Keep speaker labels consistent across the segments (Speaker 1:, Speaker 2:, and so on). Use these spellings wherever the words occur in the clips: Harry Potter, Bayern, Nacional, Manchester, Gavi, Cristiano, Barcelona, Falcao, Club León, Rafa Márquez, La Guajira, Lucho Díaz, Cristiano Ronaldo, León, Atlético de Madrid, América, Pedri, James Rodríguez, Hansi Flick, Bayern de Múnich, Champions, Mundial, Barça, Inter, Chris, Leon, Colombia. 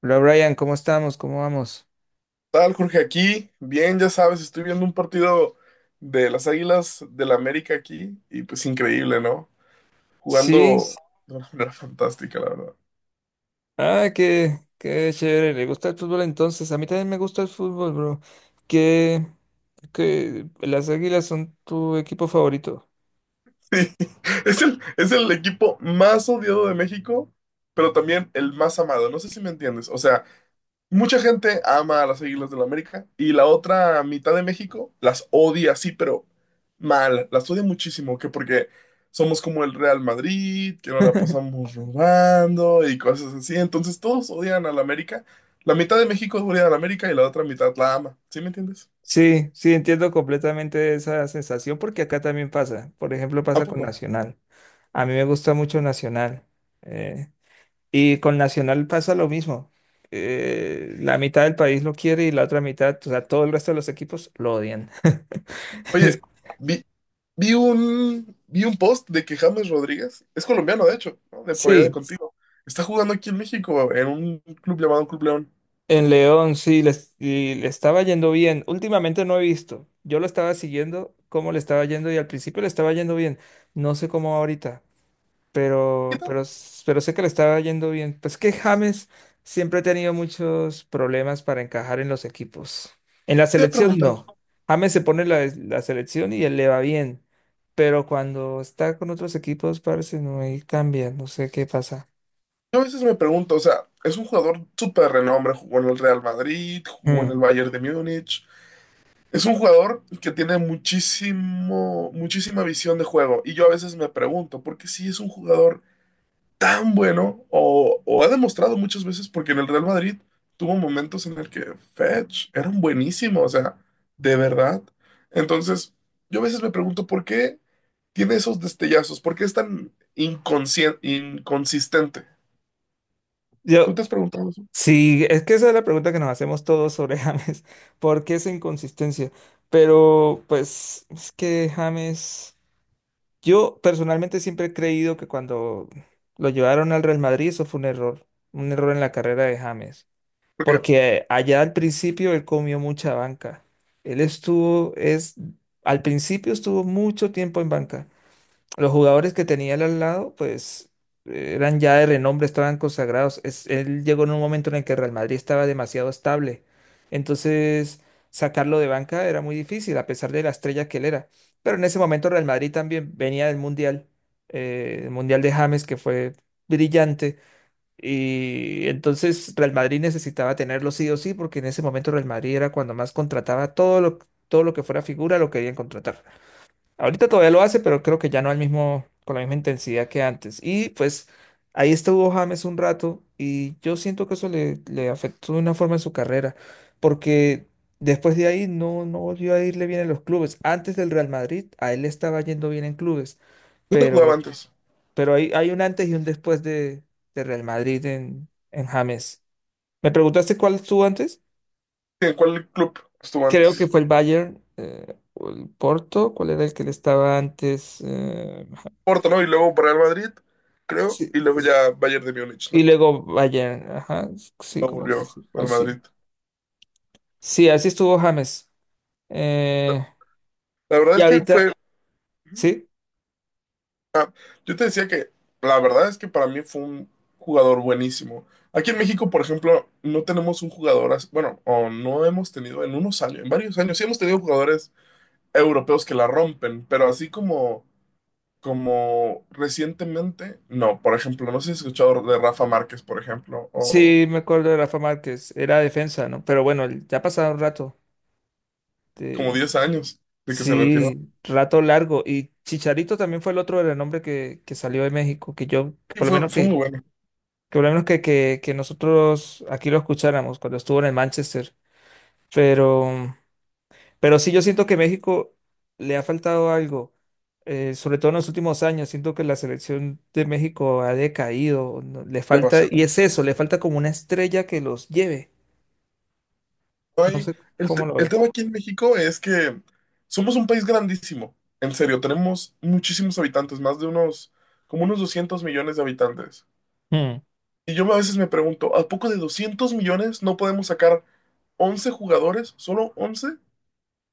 Speaker 1: Hola Brian, ¿cómo estamos? ¿Cómo vamos?
Speaker 2: ¿Tal, Jorge? Aquí, bien, ya sabes, estoy viendo un partido de las Águilas del la América aquí y pues increíble, ¿no? Jugando
Speaker 1: Sí,
Speaker 2: de una manera fantástica, la verdad.
Speaker 1: ah, qué chévere, le gusta el fútbol entonces. A mí también me gusta el fútbol, bro. ¿Qué, las Águilas son tu equipo favorito?
Speaker 2: Sí, es el equipo más odiado de México, pero también el más amado. No sé si me entiendes. O sea, mucha gente ama a las Águilas del América y la otra mitad de México las odia, sí, pero mal, las odia muchísimo, que porque somos como el Real Madrid, que nos la pasamos robando y cosas así. Entonces todos odian a la América. La mitad de México odia a la América y la otra mitad la ama. ¿Sí me entiendes?
Speaker 1: Sí, sí, entiendo completamente esa sensación porque acá también pasa. Por ejemplo,
Speaker 2: ¿A
Speaker 1: pasa con
Speaker 2: poco?
Speaker 1: Nacional. A mí me gusta mucho Nacional. eh, y con Nacional pasa lo mismo. La mitad del país lo quiere y la otra mitad, o sea, todo el resto de los equipos lo odian.
Speaker 2: Oye, vi, vi un post de que James Rodríguez, es colombiano de hecho, ¿no?, de por allá de
Speaker 1: Sí,
Speaker 2: contigo, está jugando aquí en México en un club llamado Club León.
Speaker 1: en León, sí, y le estaba yendo bien. Últimamente no he visto. Yo lo estaba siguiendo, cómo le estaba yendo, y al principio le estaba yendo bien. No sé cómo va ahorita,
Speaker 2: ¿Qué
Speaker 1: pero,
Speaker 2: tal?
Speaker 1: pero, s- pero sé que le estaba yendo bien. Pues que James siempre ha tenido muchos problemas para encajar en los equipos. En la
Speaker 2: Te he
Speaker 1: selección
Speaker 2: preguntado.
Speaker 1: no. James se pone la selección y él le va bien. Pero cuando está con otros equipos, parece no, ahí cambia. No sé qué pasa.
Speaker 2: Yo a veces me pregunto, o sea, es un jugador súper renombre, jugó en el Real Madrid, jugó en el
Speaker 1: Mm.
Speaker 2: Bayern de Múnich. Es un jugador que tiene muchísima visión de juego. Y yo a veces me pregunto, ¿por qué si es un jugador tan bueno? O ha demostrado muchas veces, porque en el Real Madrid tuvo momentos en el que Fetch era un buenísimo, o sea, de verdad. Entonces, yo a veces me pregunto, ¿por qué tiene esos destellazos? ¿Por qué es tan inconsistente? ¿Tú
Speaker 1: Yo,
Speaker 2: te has preguntado eso?
Speaker 1: sí, es que esa es la pregunta que nos hacemos todos sobre James. ¿Por qué esa inconsistencia? Pero, pues, es que James, yo personalmente siempre he creído que cuando lo llevaron al Real Madrid, eso fue un error en la carrera de James.
Speaker 2: Porque
Speaker 1: Porque allá al principio él comió mucha banca. Él al principio estuvo mucho tiempo en banca. Los jugadores que tenía él al lado, pues eran ya de renombre, estaban consagrados. Él llegó en un momento en el que Real Madrid estaba demasiado estable. Entonces, sacarlo de banca era muy difícil, a pesar de la estrella que él era. Pero en ese momento Real Madrid también venía del Mundial, el Mundial de James, que fue brillante. Y entonces Real Madrid necesitaba tenerlo sí o sí, porque en ese momento Real Madrid era cuando más contrataba todo lo que fuera figura, lo querían contratar. Ahorita todavía lo hace, pero creo que ya no al mismo, con la misma intensidad que antes. Y pues ahí estuvo James un rato y yo siento que eso le afectó de una forma en su carrera, porque después de ahí no, no volvió a irle bien en los clubes. Antes del Real Madrid, a él le estaba yendo bien en clubes,
Speaker 2: ¿dónde jugaba
Speaker 1: pero,
Speaker 2: antes?
Speaker 1: pero hay un antes y un después de Real Madrid en James. ¿Me preguntaste cuál estuvo antes?
Speaker 2: ¿En cuál club estuvo
Speaker 1: Creo que
Speaker 2: antes?
Speaker 1: fue el Bayern. O el Porto, ¿cuál era el que le estaba antes?
Speaker 2: Porto, ¿no? Y luego Real Madrid, creo.
Speaker 1: Sí,
Speaker 2: Y luego ya Bayern de Múnich,
Speaker 1: y
Speaker 2: ¿no?
Speaker 1: luego Bayern, ajá, sí,
Speaker 2: Luego
Speaker 1: como que
Speaker 2: volvió
Speaker 1: sí, fue
Speaker 2: al
Speaker 1: así.
Speaker 2: Madrid.
Speaker 1: Sí, así estuvo James. Eh,
Speaker 2: La verdad
Speaker 1: y
Speaker 2: es que
Speaker 1: ahorita,
Speaker 2: fue...
Speaker 1: sí,
Speaker 2: Yo te decía que la verdad es que para mí fue un jugador buenísimo. Aquí en México, por ejemplo, no tenemos un jugador, bueno, o no hemos tenido en unos años, en varios años, sí hemos tenido jugadores europeos que la rompen, pero así como recientemente, no. Por ejemplo, no sé si has escuchado de Rafa Márquez, por ejemplo, o
Speaker 1: sí, me acuerdo de Rafa Márquez, era defensa, ¿no? Pero bueno, ya ha pasado un rato.
Speaker 2: como
Speaker 1: de-
Speaker 2: 10 años de que se retiró.
Speaker 1: sí, rato largo. Y Chicharito también fue el otro renombre que salió de México, que yo, que
Speaker 2: Y
Speaker 1: por lo
Speaker 2: fue,
Speaker 1: menos
Speaker 2: fue muy
Speaker 1: que
Speaker 2: bueno,
Speaker 1: por lo menos que nosotros aquí lo escucháramos cuando estuvo en el Manchester. Pero. Pero sí, yo siento que México le ha faltado algo, sobre todo en los últimos años. Siento que la selección de México ha decaído, le falta,
Speaker 2: demasiado.
Speaker 1: y es eso, le falta como una estrella que los lleve. No
Speaker 2: Ahí,
Speaker 1: sé cómo lo
Speaker 2: el
Speaker 1: ves.
Speaker 2: tema aquí en México es que somos un país grandísimo, en serio, tenemos muchísimos habitantes, como unos 200 millones de habitantes.
Speaker 1: Mm.
Speaker 2: Y yo a veces me pregunto, ¿a poco de 200 millones no podemos sacar 11 jugadores, solo 11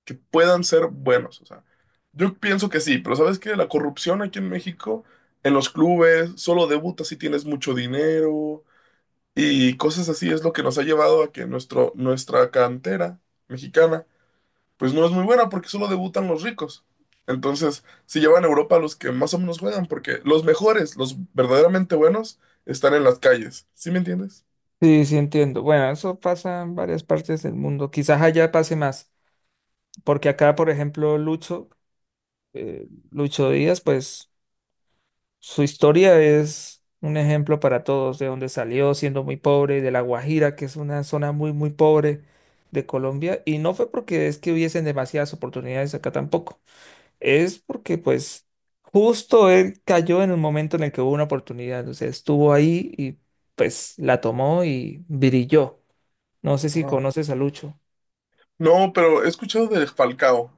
Speaker 2: que puedan ser buenos? O sea, yo pienso que sí, pero ¿sabes qué? La corrupción aquí en México, en los clubes, solo debutas si tienes mucho dinero. Y cosas así es lo que nos ha llevado a que nuestra cantera mexicana, pues no es muy buena porque solo debutan los ricos. Entonces, si llevan a Europa los que más o menos juegan, porque los mejores, los verdaderamente buenos, están en las calles. ¿Sí me entiendes?
Speaker 1: Sí, sí entiendo. Bueno, eso pasa en varias partes del mundo. Quizás allá pase más, porque acá, por ejemplo, Lucho Díaz, pues su historia es un ejemplo para todos, de donde salió siendo muy pobre, de La Guajira, que es una zona muy, muy pobre de Colombia, y no fue porque es que hubiesen demasiadas oportunidades acá tampoco, es porque pues justo él cayó en el momento en el que hubo una oportunidad, o sea, estuvo ahí y pues la tomó y brilló. No sé si
Speaker 2: Ajá.
Speaker 1: conoces a Lucho.
Speaker 2: No, pero he escuchado de Falcao.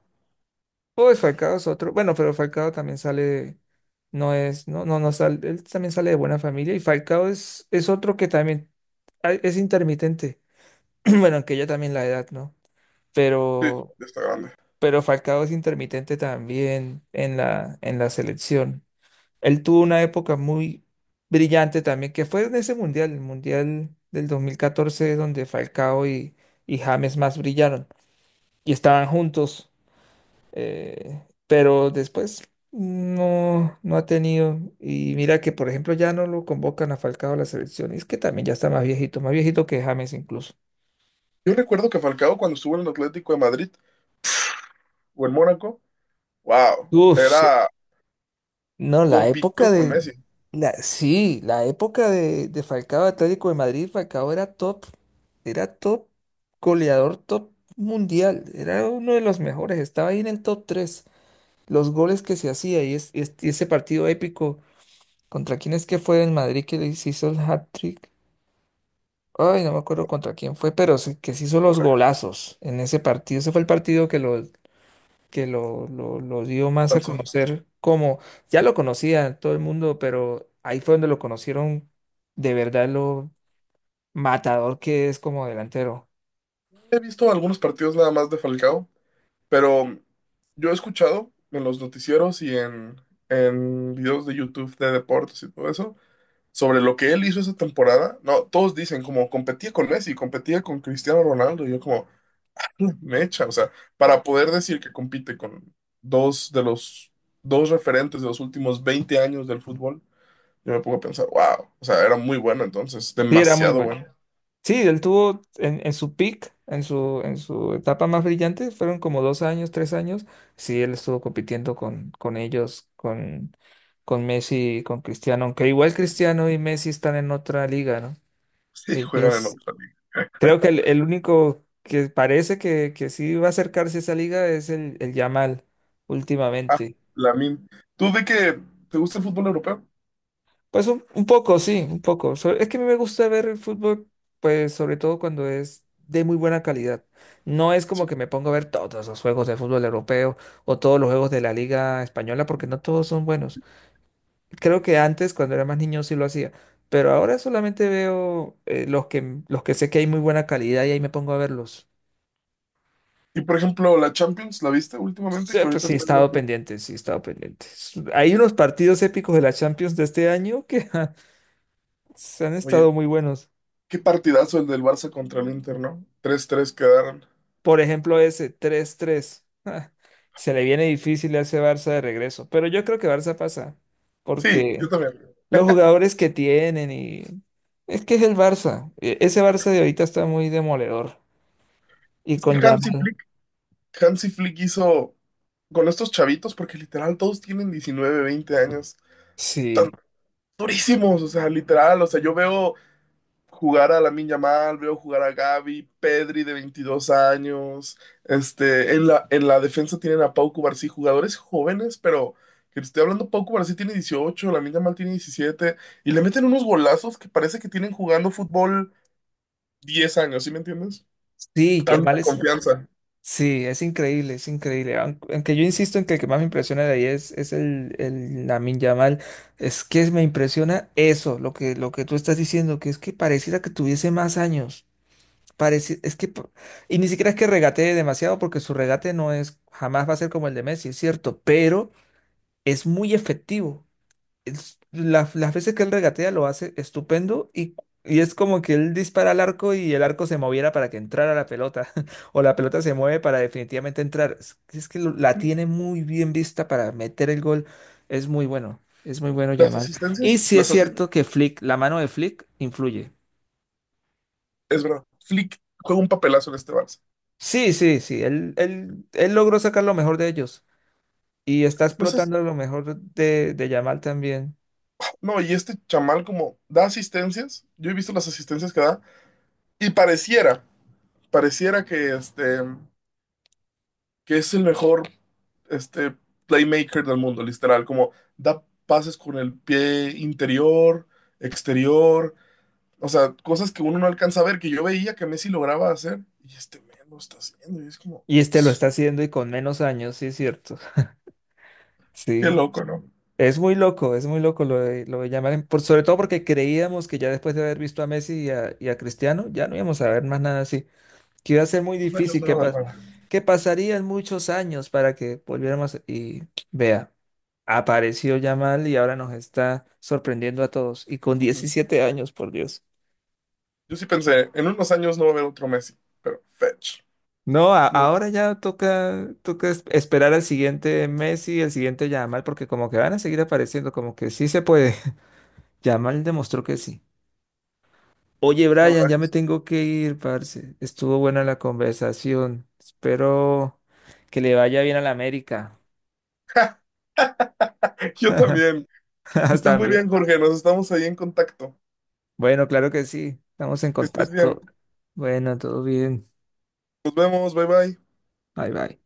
Speaker 1: Pues Falcao es otro. Bueno, pero Falcao también sale, no es, no, no, no sale, él también sale de buena familia y Falcao es otro que también es intermitente. Bueno, aunque ya también la edad, ¿no?
Speaker 2: Sí,
Speaker 1: Pero,
Speaker 2: está grande.
Speaker 1: pero Falcao es intermitente también en en la selección. Él tuvo una época muy brillante también, que fue en ese mundial, el mundial del 2014, donde Falcao y James más brillaron y estaban juntos, pero después no, no ha tenido. Y mira que, por ejemplo, ya no lo convocan a Falcao a la selección. Y es que también ya está más viejito que James incluso.
Speaker 2: Yo recuerdo que Falcao cuando estuvo en el Atlético de Madrid o en Mónaco, wow,
Speaker 1: Uf, sí.
Speaker 2: era
Speaker 1: No, la
Speaker 2: compitió
Speaker 1: época
Speaker 2: con
Speaker 1: de...
Speaker 2: Messi,
Speaker 1: La, sí, la época de Falcao Atlético de Madrid, Falcao era top, goleador top mundial, era uno de los mejores, estaba ahí en el top tres, los goles que se hacía, y ese partido épico, ¿contra quién es que fue en Madrid que le hizo el hat-trick? Ay, no me acuerdo contra quién fue, pero sí, que se hizo los
Speaker 2: pura.
Speaker 1: golazos en ese partido. Ese fue el partido que lo dio más a conocer como, ya lo conocía todo el mundo, pero ahí fue donde lo conocieron de verdad lo matador que es como delantero.
Speaker 2: He visto algunos partidos nada más de Falcao. Pero yo he escuchado en los noticieros y en videos de YouTube de deportes y todo eso, sobre lo que él hizo esa temporada. No, todos dicen como competía con Messi, competía con Cristiano Ronaldo. Y yo como, mecha, o sea, para poder decir que compite con dos de los dos referentes de los últimos 20 años del fútbol, yo me pongo a pensar, wow, o sea, era muy bueno entonces,
Speaker 1: Sí, era muy
Speaker 2: demasiado
Speaker 1: bueno.
Speaker 2: bueno.
Speaker 1: Sí, él tuvo en su peak, en su etapa más brillante, fueron como 2 años, 3 años. Sí, él estuvo compitiendo con ellos, con Messi, y con Cristiano, aunque igual Cristiano y Messi están en otra liga, ¿no?
Speaker 2: Sí, juegan en
Speaker 1: Ellos,
Speaker 2: otra liga.
Speaker 1: creo que el único que parece que sí va a acercarse a esa liga es el Yamal
Speaker 2: Ah,
Speaker 1: últimamente.
Speaker 2: Lamine, ¿tú de que te gusta el fútbol europeo?
Speaker 1: Pues un poco, sí, un poco. Es que a mí me gusta ver el fútbol, pues sobre todo cuando es de muy buena calidad. No es como
Speaker 2: Sí.
Speaker 1: que me pongo a ver todos los juegos de fútbol europeo o todos los juegos de la Liga Española, porque no todos son buenos. Creo que antes, cuando era más niño, sí lo hacía, pero ahora solamente veo los que sé que hay muy buena calidad y ahí me pongo a verlos.
Speaker 2: Y por ejemplo, la Champions, ¿la viste últimamente?
Speaker 1: Sí,
Speaker 2: Que
Speaker 1: pues
Speaker 2: ahorita
Speaker 1: sí, he
Speaker 2: está el
Speaker 1: estado
Speaker 2: Barcelona.
Speaker 1: pendiente, sí, he estado pendiente. Hay unos partidos épicos de la Champions de este año que se han
Speaker 2: Oye,
Speaker 1: estado muy buenos.
Speaker 2: qué partidazo el del Barça contra el Inter, no 3-3 quedaron.
Speaker 1: Por ejemplo, ese 3-3. Se le viene difícil a ese Barça de regreso. Pero yo creo que Barça pasa.
Speaker 2: Sí,
Speaker 1: Porque
Speaker 2: yo también.
Speaker 1: los jugadores que tienen y. Es que es el Barça. Ese Barça de ahorita está muy demoledor. Y
Speaker 2: Es que
Speaker 1: con
Speaker 2: Hansi
Speaker 1: Yamal.
Speaker 2: Flick, Hansi Flick hizo con estos chavitos, porque literal todos tienen 19, 20 años. Están
Speaker 1: Sí.
Speaker 2: durísimos, o sea, literal. O sea, yo veo jugar a Lamine Yamal, veo jugar a Gavi, Pedri de 22 años. Este, en la defensa tienen a Pau Cubarsí, jugadores jóvenes, pero que te estoy hablando, Pau Cubarsí tiene 18, Lamine Yamal tiene 17 y le meten unos golazos que parece que tienen jugando fútbol 10 años, ¿sí me entiendes?
Speaker 1: Sí, Yamal
Speaker 2: Tanta
Speaker 1: es.
Speaker 2: confianza.
Speaker 1: Sí, es increíble, es increíble. Aunque yo insisto en que el que más me impresiona de ahí es el Lamine Yamal. Es que me impresiona eso, lo que tú estás diciendo, que es que pareciera que tuviese más años. Parece, es que, pa- y ni siquiera es que regatee demasiado, porque su regate no es, jamás va a ser como el de Messi, es cierto, pero es muy efectivo. Las veces que él regatea lo hace estupendo, y es como que él dispara al arco y el arco se moviera para que entrara la pelota, o la pelota se mueve para definitivamente entrar. Es que la tiene muy bien vista para meter el gol, es muy bueno Yamal. Y sí es
Speaker 2: Las asistencias,
Speaker 1: cierto que Flick, la mano de Flick influye.
Speaker 2: es verdad. Flick juega un papelazo en este Barça.
Speaker 1: Sí, sí, sí, él logró sacar lo mejor de ellos y está
Speaker 2: Entonces,
Speaker 1: explotando lo mejor de Yamal también.
Speaker 2: no, y este chamal como da asistencias, yo he visto las asistencias que da, y pareciera que, este, que es el mejor este, playmaker del mundo, literal, como da pases con el pie interior, exterior, o sea, cosas que uno no alcanza a ver, que yo veía que Messi lograba hacer, y este men lo está haciendo, y es como,
Speaker 1: Y este lo está haciendo y con menos años, sí, es cierto.
Speaker 2: qué
Speaker 1: Sí,
Speaker 2: loco, ¿no?
Speaker 1: es muy loco lo de Yamal, sobre todo porque creíamos que ya después de haber visto a Messi y a Cristiano, ya no íbamos a ver más nada así, que iba a ser muy
Speaker 2: Unos años
Speaker 1: difícil,
Speaker 2: no va a haber nada.
Speaker 1: que pasarían muchos años para que volviéramos y vea. Apareció Yamal y ahora nos está sorprendiendo a todos. Y con 17 años, por Dios.
Speaker 2: Yo sí pensé, en unos años no va a haber otro Messi, pero fetch.
Speaker 1: No,
Speaker 2: No,
Speaker 1: ahora ya toca, esperar al siguiente Messi, el siguiente Yamal, porque como que van a seguir apareciendo, como que sí se puede. Yamal demostró que sí. Oye,
Speaker 2: no,
Speaker 1: Brian,
Speaker 2: habrá
Speaker 1: ya me
Speaker 2: Messi.
Speaker 1: tengo que ir, parce. Estuvo buena la conversación. Espero que le vaya bien a la América.
Speaker 2: Yo también. Que estés muy
Speaker 1: También.
Speaker 2: bien, Jorge. Nos estamos ahí en contacto.
Speaker 1: Bueno, claro que sí. Estamos en
Speaker 2: Que estés bien.
Speaker 1: contacto. Bueno, todo bien.
Speaker 2: Nos vemos. Bye bye.
Speaker 1: Bye, bye.